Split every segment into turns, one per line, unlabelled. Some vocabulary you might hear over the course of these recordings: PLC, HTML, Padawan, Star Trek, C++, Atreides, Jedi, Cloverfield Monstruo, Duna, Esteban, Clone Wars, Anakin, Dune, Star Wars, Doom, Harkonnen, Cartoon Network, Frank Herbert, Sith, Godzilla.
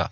Va.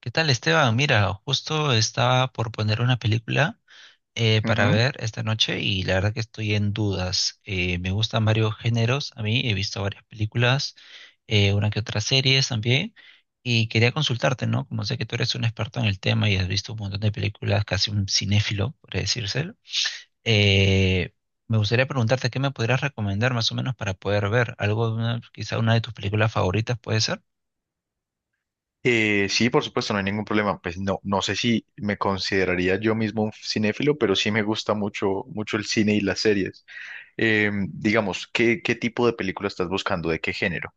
¿Qué tal, Esteban? Mira, justo estaba por poner una película para
Ujú.
ver esta noche y la verdad que estoy en dudas. Me gustan varios géneros, a mí he visto varias películas, una que otra series también, y quería consultarte, ¿no? Como sé que tú eres un experto en el tema y has visto un montón de películas, casi un cinéfilo, por decirse, eh, me gustaría preguntarte qué me podrías recomendar más o menos para poder ver algo, quizá una de tus películas favoritas, ¿puede ser?
Sí, por supuesto, no hay ningún problema. Pues no sé si me consideraría yo mismo un cinéfilo, pero sí me gusta mucho, mucho el cine y las series. Digamos, ¿qué tipo de película estás buscando? ¿De qué género?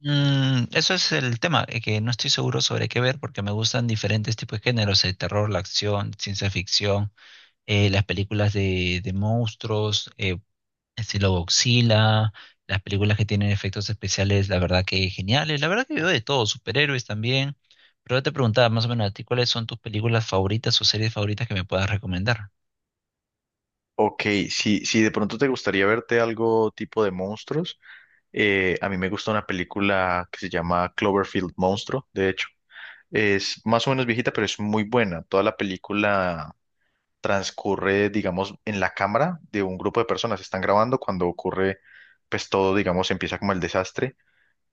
Eso es el tema, que no estoy seguro sobre qué ver porque me gustan diferentes tipos de géneros, el terror, la acción, ciencia ficción, las películas de monstruos, estilo Godzilla, las películas que tienen efectos especiales, la verdad que geniales, la verdad que veo de todo, superhéroes también, pero yo te preguntaba más o menos a ti cuáles son tus películas favoritas o series favoritas que me puedas recomendar.
Ok, si de pronto te gustaría verte algo tipo de monstruos, a mí me gusta una película que se llama Cloverfield Monstruo, de hecho. Es más o menos viejita, pero es muy buena. Toda la película transcurre, digamos, en la cámara de un grupo de personas. Están grabando cuando ocurre, pues todo, digamos, empieza como el desastre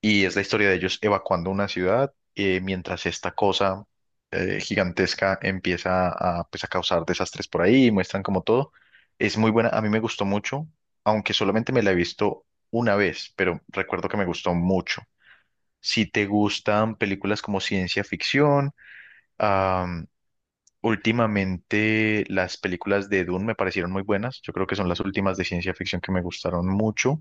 y es la historia de ellos evacuando una ciudad mientras esta cosa gigantesca empieza a, pues, a causar desastres por ahí muestran como todo. Es muy buena, a mí me gustó mucho, aunque solamente me la he visto una vez, pero recuerdo que me gustó mucho. Si te gustan películas como ciencia ficción, últimamente las películas de Dune me parecieron muy buenas. Yo creo que son las últimas de ciencia ficción que me gustaron mucho.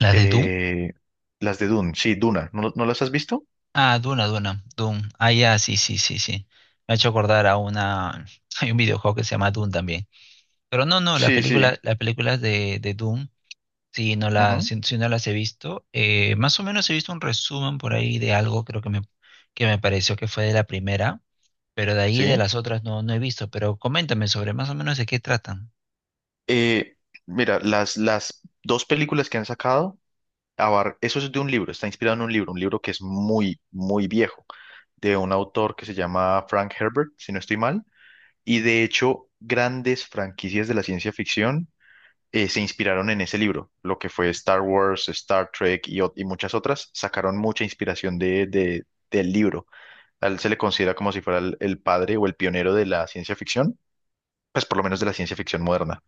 ¿Las de Doom?
Eh, las de Dune, sí, Duna. ¿No las has visto?
Ah, Duna, Duna, Doom. Ah, ya, sí, sí, sí, sí. Me ha hecho acordar a una. Hay un videojuego que se llama Doom también. Pero no, no,
Sí, sí.
las películas de Doom,
Ujú,
si no las he visto, más o menos he visto un resumen por ahí de algo, que me pareció que fue de la primera, pero de ahí de
sí.
las otras no, no he visto. Pero coméntame sobre más o menos de qué tratan.
Eh, mira, las dos películas que han sacado, eso es de un libro, está inspirado en un libro que es muy, muy viejo, de un autor que se llama Frank Herbert, si no estoy mal. Y de hecho, grandes franquicias de la ciencia ficción se inspiraron en ese libro, lo que fue Star Wars, Star Trek y muchas otras, sacaron mucha inspiración del libro. A él se le considera como si fuera el padre o el pionero de la ciencia ficción, pues por lo menos de la ciencia ficción moderna.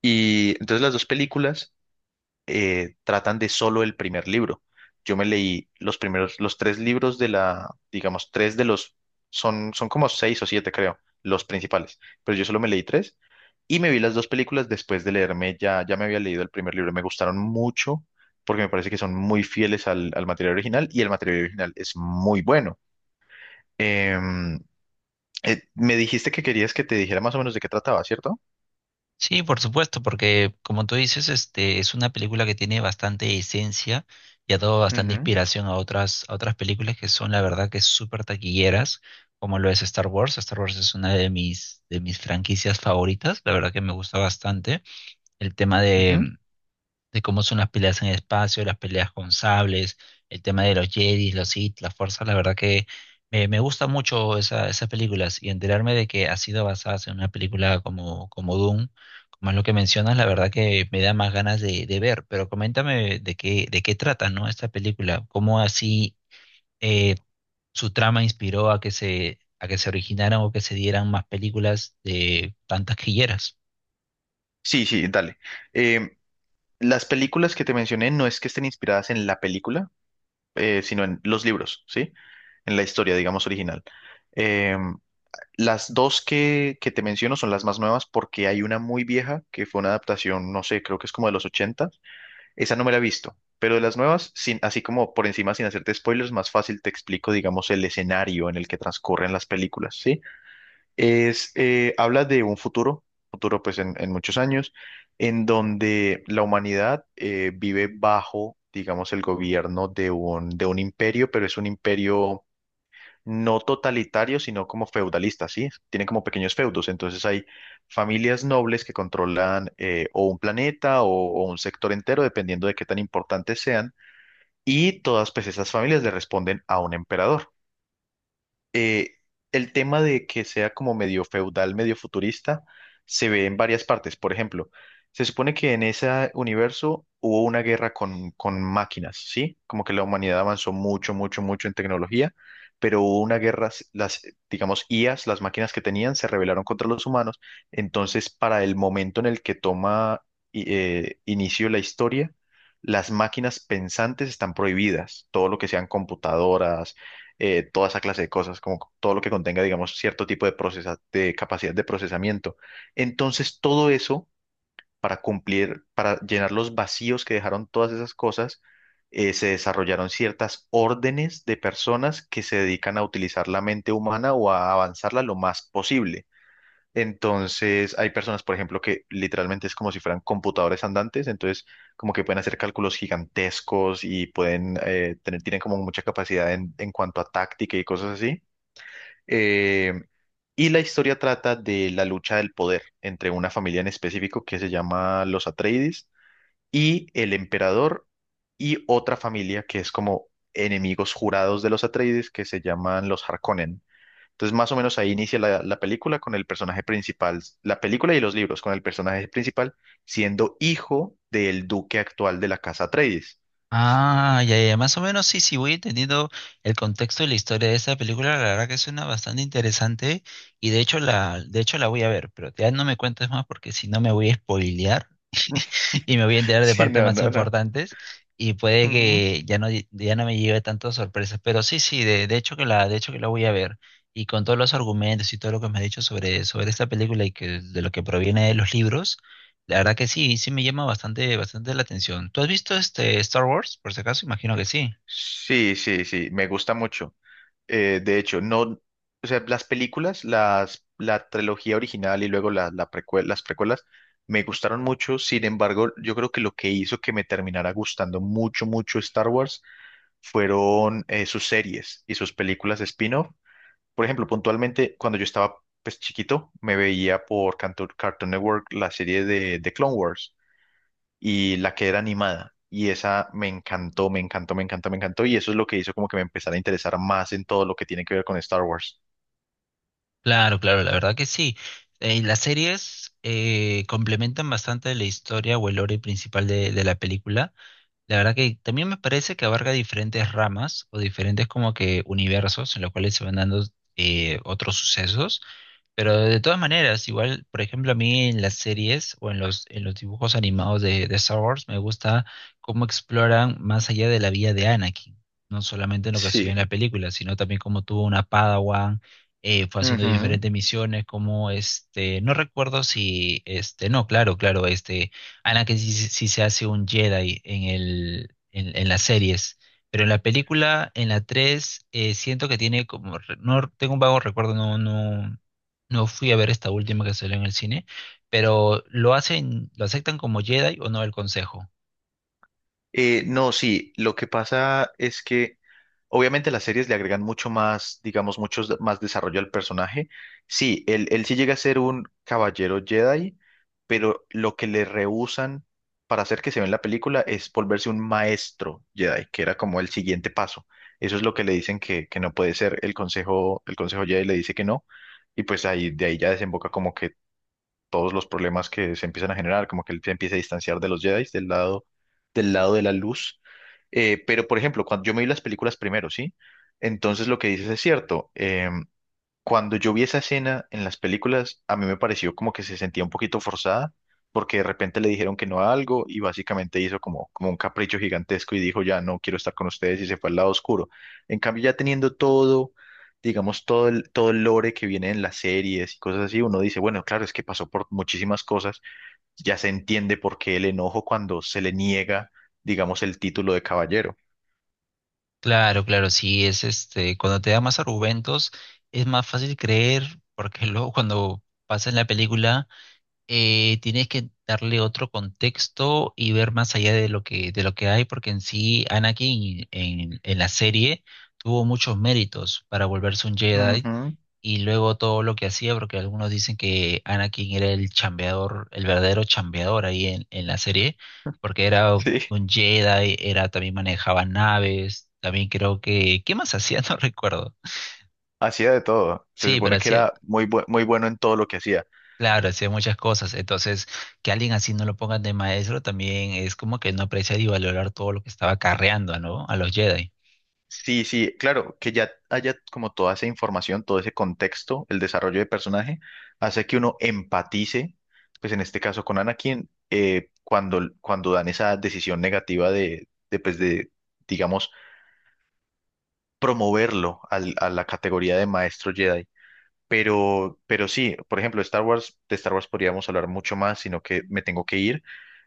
Y entonces las dos películas tratan de solo el primer libro. Yo me leí los primeros, los tres libros de la, digamos, tres de los, son como seis o siete, creo, los principales, pero yo solo me leí tres y me vi las dos películas después de leerme, ya me había leído el primer libro, me gustaron mucho porque me parece que son muy fieles al material original y el material original es muy bueno. Em, Me dijiste que querías que te dijera más o menos de qué trataba, ¿cierto?
Sí, por supuesto, porque como tú dices, este es una película que tiene bastante esencia y ha dado bastante
Ujú,
inspiración a otras películas que son la verdad que súper taquilleras, como lo es Star Wars. Star Wars es una de mis franquicias favoritas, la verdad que me gusta bastante. El tema
ujú.
de, de cómo son las peleas en el espacio, las peleas con sables, el tema de los Jedi, los Sith, las fuerzas, la verdad que me gusta mucho esas películas y enterarme de que ha sido basada en una película como, como Doom, como es lo que mencionas, la verdad que me da más ganas de ver, pero coméntame de qué trata, ¿no? Esta película, cómo así eh, su trama inspiró a que se originaran o que se dieran más películas de tantas quilleras.
Sí, sí, dale. Em, Las películas que te mencioné no es que estén inspiradas en la película, sino en los libros, ¿sí? En la historia, digamos, original. Eh, las dos que te menciono son las más nuevas porque hay una muy vieja que fue una adaptación, no sé, creo que es como de los 80. Esa no me la he visto, pero de las nuevas, sin, así como por encima, sin hacerte spoilers, más fácil te explico, digamos, el escenario en el que transcurren las películas, ¿sí? Es, habla de un futuro, futuro pues en muchos años, en donde la humanidad vive bajo, digamos, el gobierno de un imperio, pero es un imperio no totalitario, sino como feudalista, ¿sí? Tiene como pequeños feudos, entonces hay familias nobles que controlan o un planeta o un sector entero, dependiendo de qué tan importantes sean, y todas pues esas familias le responden a un emperador eh, el tema de que sea como medio feudal, medio futurista, se ve en varias partes. Por ejemplo, se supone que en ese universo hubo una guerra con máquinas, ¿sí? Como que la humanidad avanzó mucho, mucho, mucho en tecnología, pero hubo una guerra, las, digamos, IAs, las máquinas que tenían, se rebelaron contra los humanos. Entonces, para el momento en el que toma inicio la historia, las máquinas pensantes están prohibidas, todo lo que sean computadoras, toda esa clase de cosas, como todo lo que contenga, digamos, cierto tipo de de capacidad de procesamiento. Entonces, todo eso, para cumplir, para llenar los vacíos que dejaron todas esas cosas, se desarrollaron ciertas órdenes de personas que se dedican a utilizar la mente humana o a avanzarla lo más posible. Entonces, hay personas, por ejemplo, que literalmente es como si fueran computadores andantes, entonces como que pueden hacer cálculos gigantescos y pueden tienen como mucha capacidad en cuanto a táctica y cosas así. Eh, y la historia trata de la lucha del poder entre una familia en específico que se llama los Atreides y el emperador y otra familia que es como enemigos jurados de los Atreides que se llaman los Harkonnen. Entonces, más o menos ahí inicia la película con el personaje principal, la película y los libros, con el personaje principal siendo hijo del duque actual de la casa Atreides.
Ah, ya, ya, más o menos sí, sí, voy entendiendo el contexto y la historia de esta película, la verdad que suena bastante interesante y de hecho la voy a ver, pero ya no me cuentes más porque si no me voy a spoilear y me voy a enterar de
Sí,
partes
no,
más
no, no.
importantes y puede
Ujú.
que ya no, ya no me lleve tantas sorpresas, pero sí, sí, de hecho que la, de hecho que la voy a ver y con todos los argumentos y todo lo que me has dicho sobre, sobre esta película y que de lo que proviene de los libros, la verdad que sí, sí me llama bastante, bastante la atención. ¿Tú has visto este Star Wars, por si acaso? Imagino que sí.
Sí, sí, sí, me gusta mucho. De hecho, no, o sea, las películas, las, la trilogía original y luego las precuelas me gustaron mucho. Sin embargo, yo creo que lo que hizo que me terminara gustando mucho, mucho Star Wars fueron sus series y sus películas spin-off. Por ejemplo, puntualmente, cuando yo estaba pues, chiquito, me veía por Cartoon Network la serie de Clone Wars y la que era animada. Y esa me encantó, me encantó, me encantó, me encantó. Y eso es lo que hizo como que me empezara a interesar más en todo lo que tiene que ver con Star Wars.
Claro, claro, la verdad que sí. Y las series complementan bastante la historia o el lore principal de la película. La verdad que también me parece que abarca diferentes ramas o diferentes como que universos en los cuales se van dando otros sucesos. Pero de todas maneras, igual, por ejemplo, a mí en las series o en los dibujos animados de Star Wars me gusta cómo exploran más allá de la vida de Anakin, no solamente en lo que se vio en
Sí.
la película, sino también cómo tuvo una Padawan, fue haciendo
Ujú.
diferentes misiones, como este, no recuerdo si, este, no, claro, claro, este, Anakin sí, sí se hace un Jedi en en las series. Pero en la película, en la 3 siento que tiene como, no tengo un vago recuerdo, no, no, no fui a ver esta última que salió en el cine, pero lo hacen, lo aceptan como Jedi o no el consejo.
No, sí, lo que pasa es que obviamente las series le agregan mucho más, digamos, mucho más desarrollo al personaje. Sí, él sí llega a ser un caballero Jedi, pero lo que le rehúsan para hacer que se vea en la película es volverse un maestro Jedi, que era como el siguiente paso. Eso es lo que le dicen que no puede ser. El consejo Jedi le dice que no, y pues ahí, de ahí ya desemboca como que todos los problemas que se empiezan a generar, como que él se empieza a distanciar de los Jedi, del lado de la luz. Pero, por ejemplo, cuando yo me vi las películas primero, ¿sí? Entonces lo que dices es cierto. Cuando yo vi esa escena en las películas, a mí me pareció como que se sentía un poquito forzada, porque de repente le dijeron que no a algo y básicamente hizo como, como un capricho gigantesco y dijo, ya no quiero estar con ustedes y se fue al lado oscuro. En cambio, ya teniendo todo, digamos, todo el lore que viene en las series y cosas así, uno dice, bueno, claro, es que pasó por muchísimas cosas, ya se entiende por qué el enojo cuando se le niega, digamos, el título de caballero.
Claro, claro, sí, es este, cuando te da más argumentos, es más fácil creer, porque luego cuando pasa en la película, tienes que darle otro contexto y ver más allá de lo que hay, porque en sí en la serie tuvo muchos méritos para volverse un Jedi
Ujú,
y luego todo lo que hacía, porque algunos dicen que Anakin era el chambeador, el verdadero chambeador ahí en la serie, porque era
sí,
un Jedi, era, también manejaba naves, también creo que, ¿qué más hacía? No recuerdo.
hacía de todo. Se
Sí, pero
supone que
hacía,
era muy, muy bueno en todo lo que hacía.
claro, hacía muchas cosas. Entonces, que alguien así no lo pongan de maestro también es como que no apreciar y valorar todo lo que estaba carreando, ¿no? A los Jedi.
Sí, sí, claro, que ya haya como toda esa información, todo ese contexto, el desarrollo de personaje, hace que uno empatice, pues en este caso con Anakin, cuando, cuando dan esa decisión negativa digamos, a la categoría de maestro Jedi. Pero sí, por ejemplo, Star Wars, de Star Wars podríamos hablar mucho más, sino que me tengo que ir,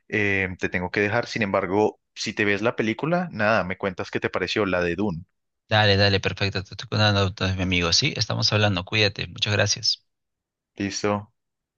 te tengo que dejar. Sin embargo, si te ves la película, nada, me cuentas qué te pareció la de Dune.
Dale, dale, perfecto. Te estoy contando, entonces, mi amigo. Sí, estamos hablando. Cuídate. Muchas gracias.
¿Listo?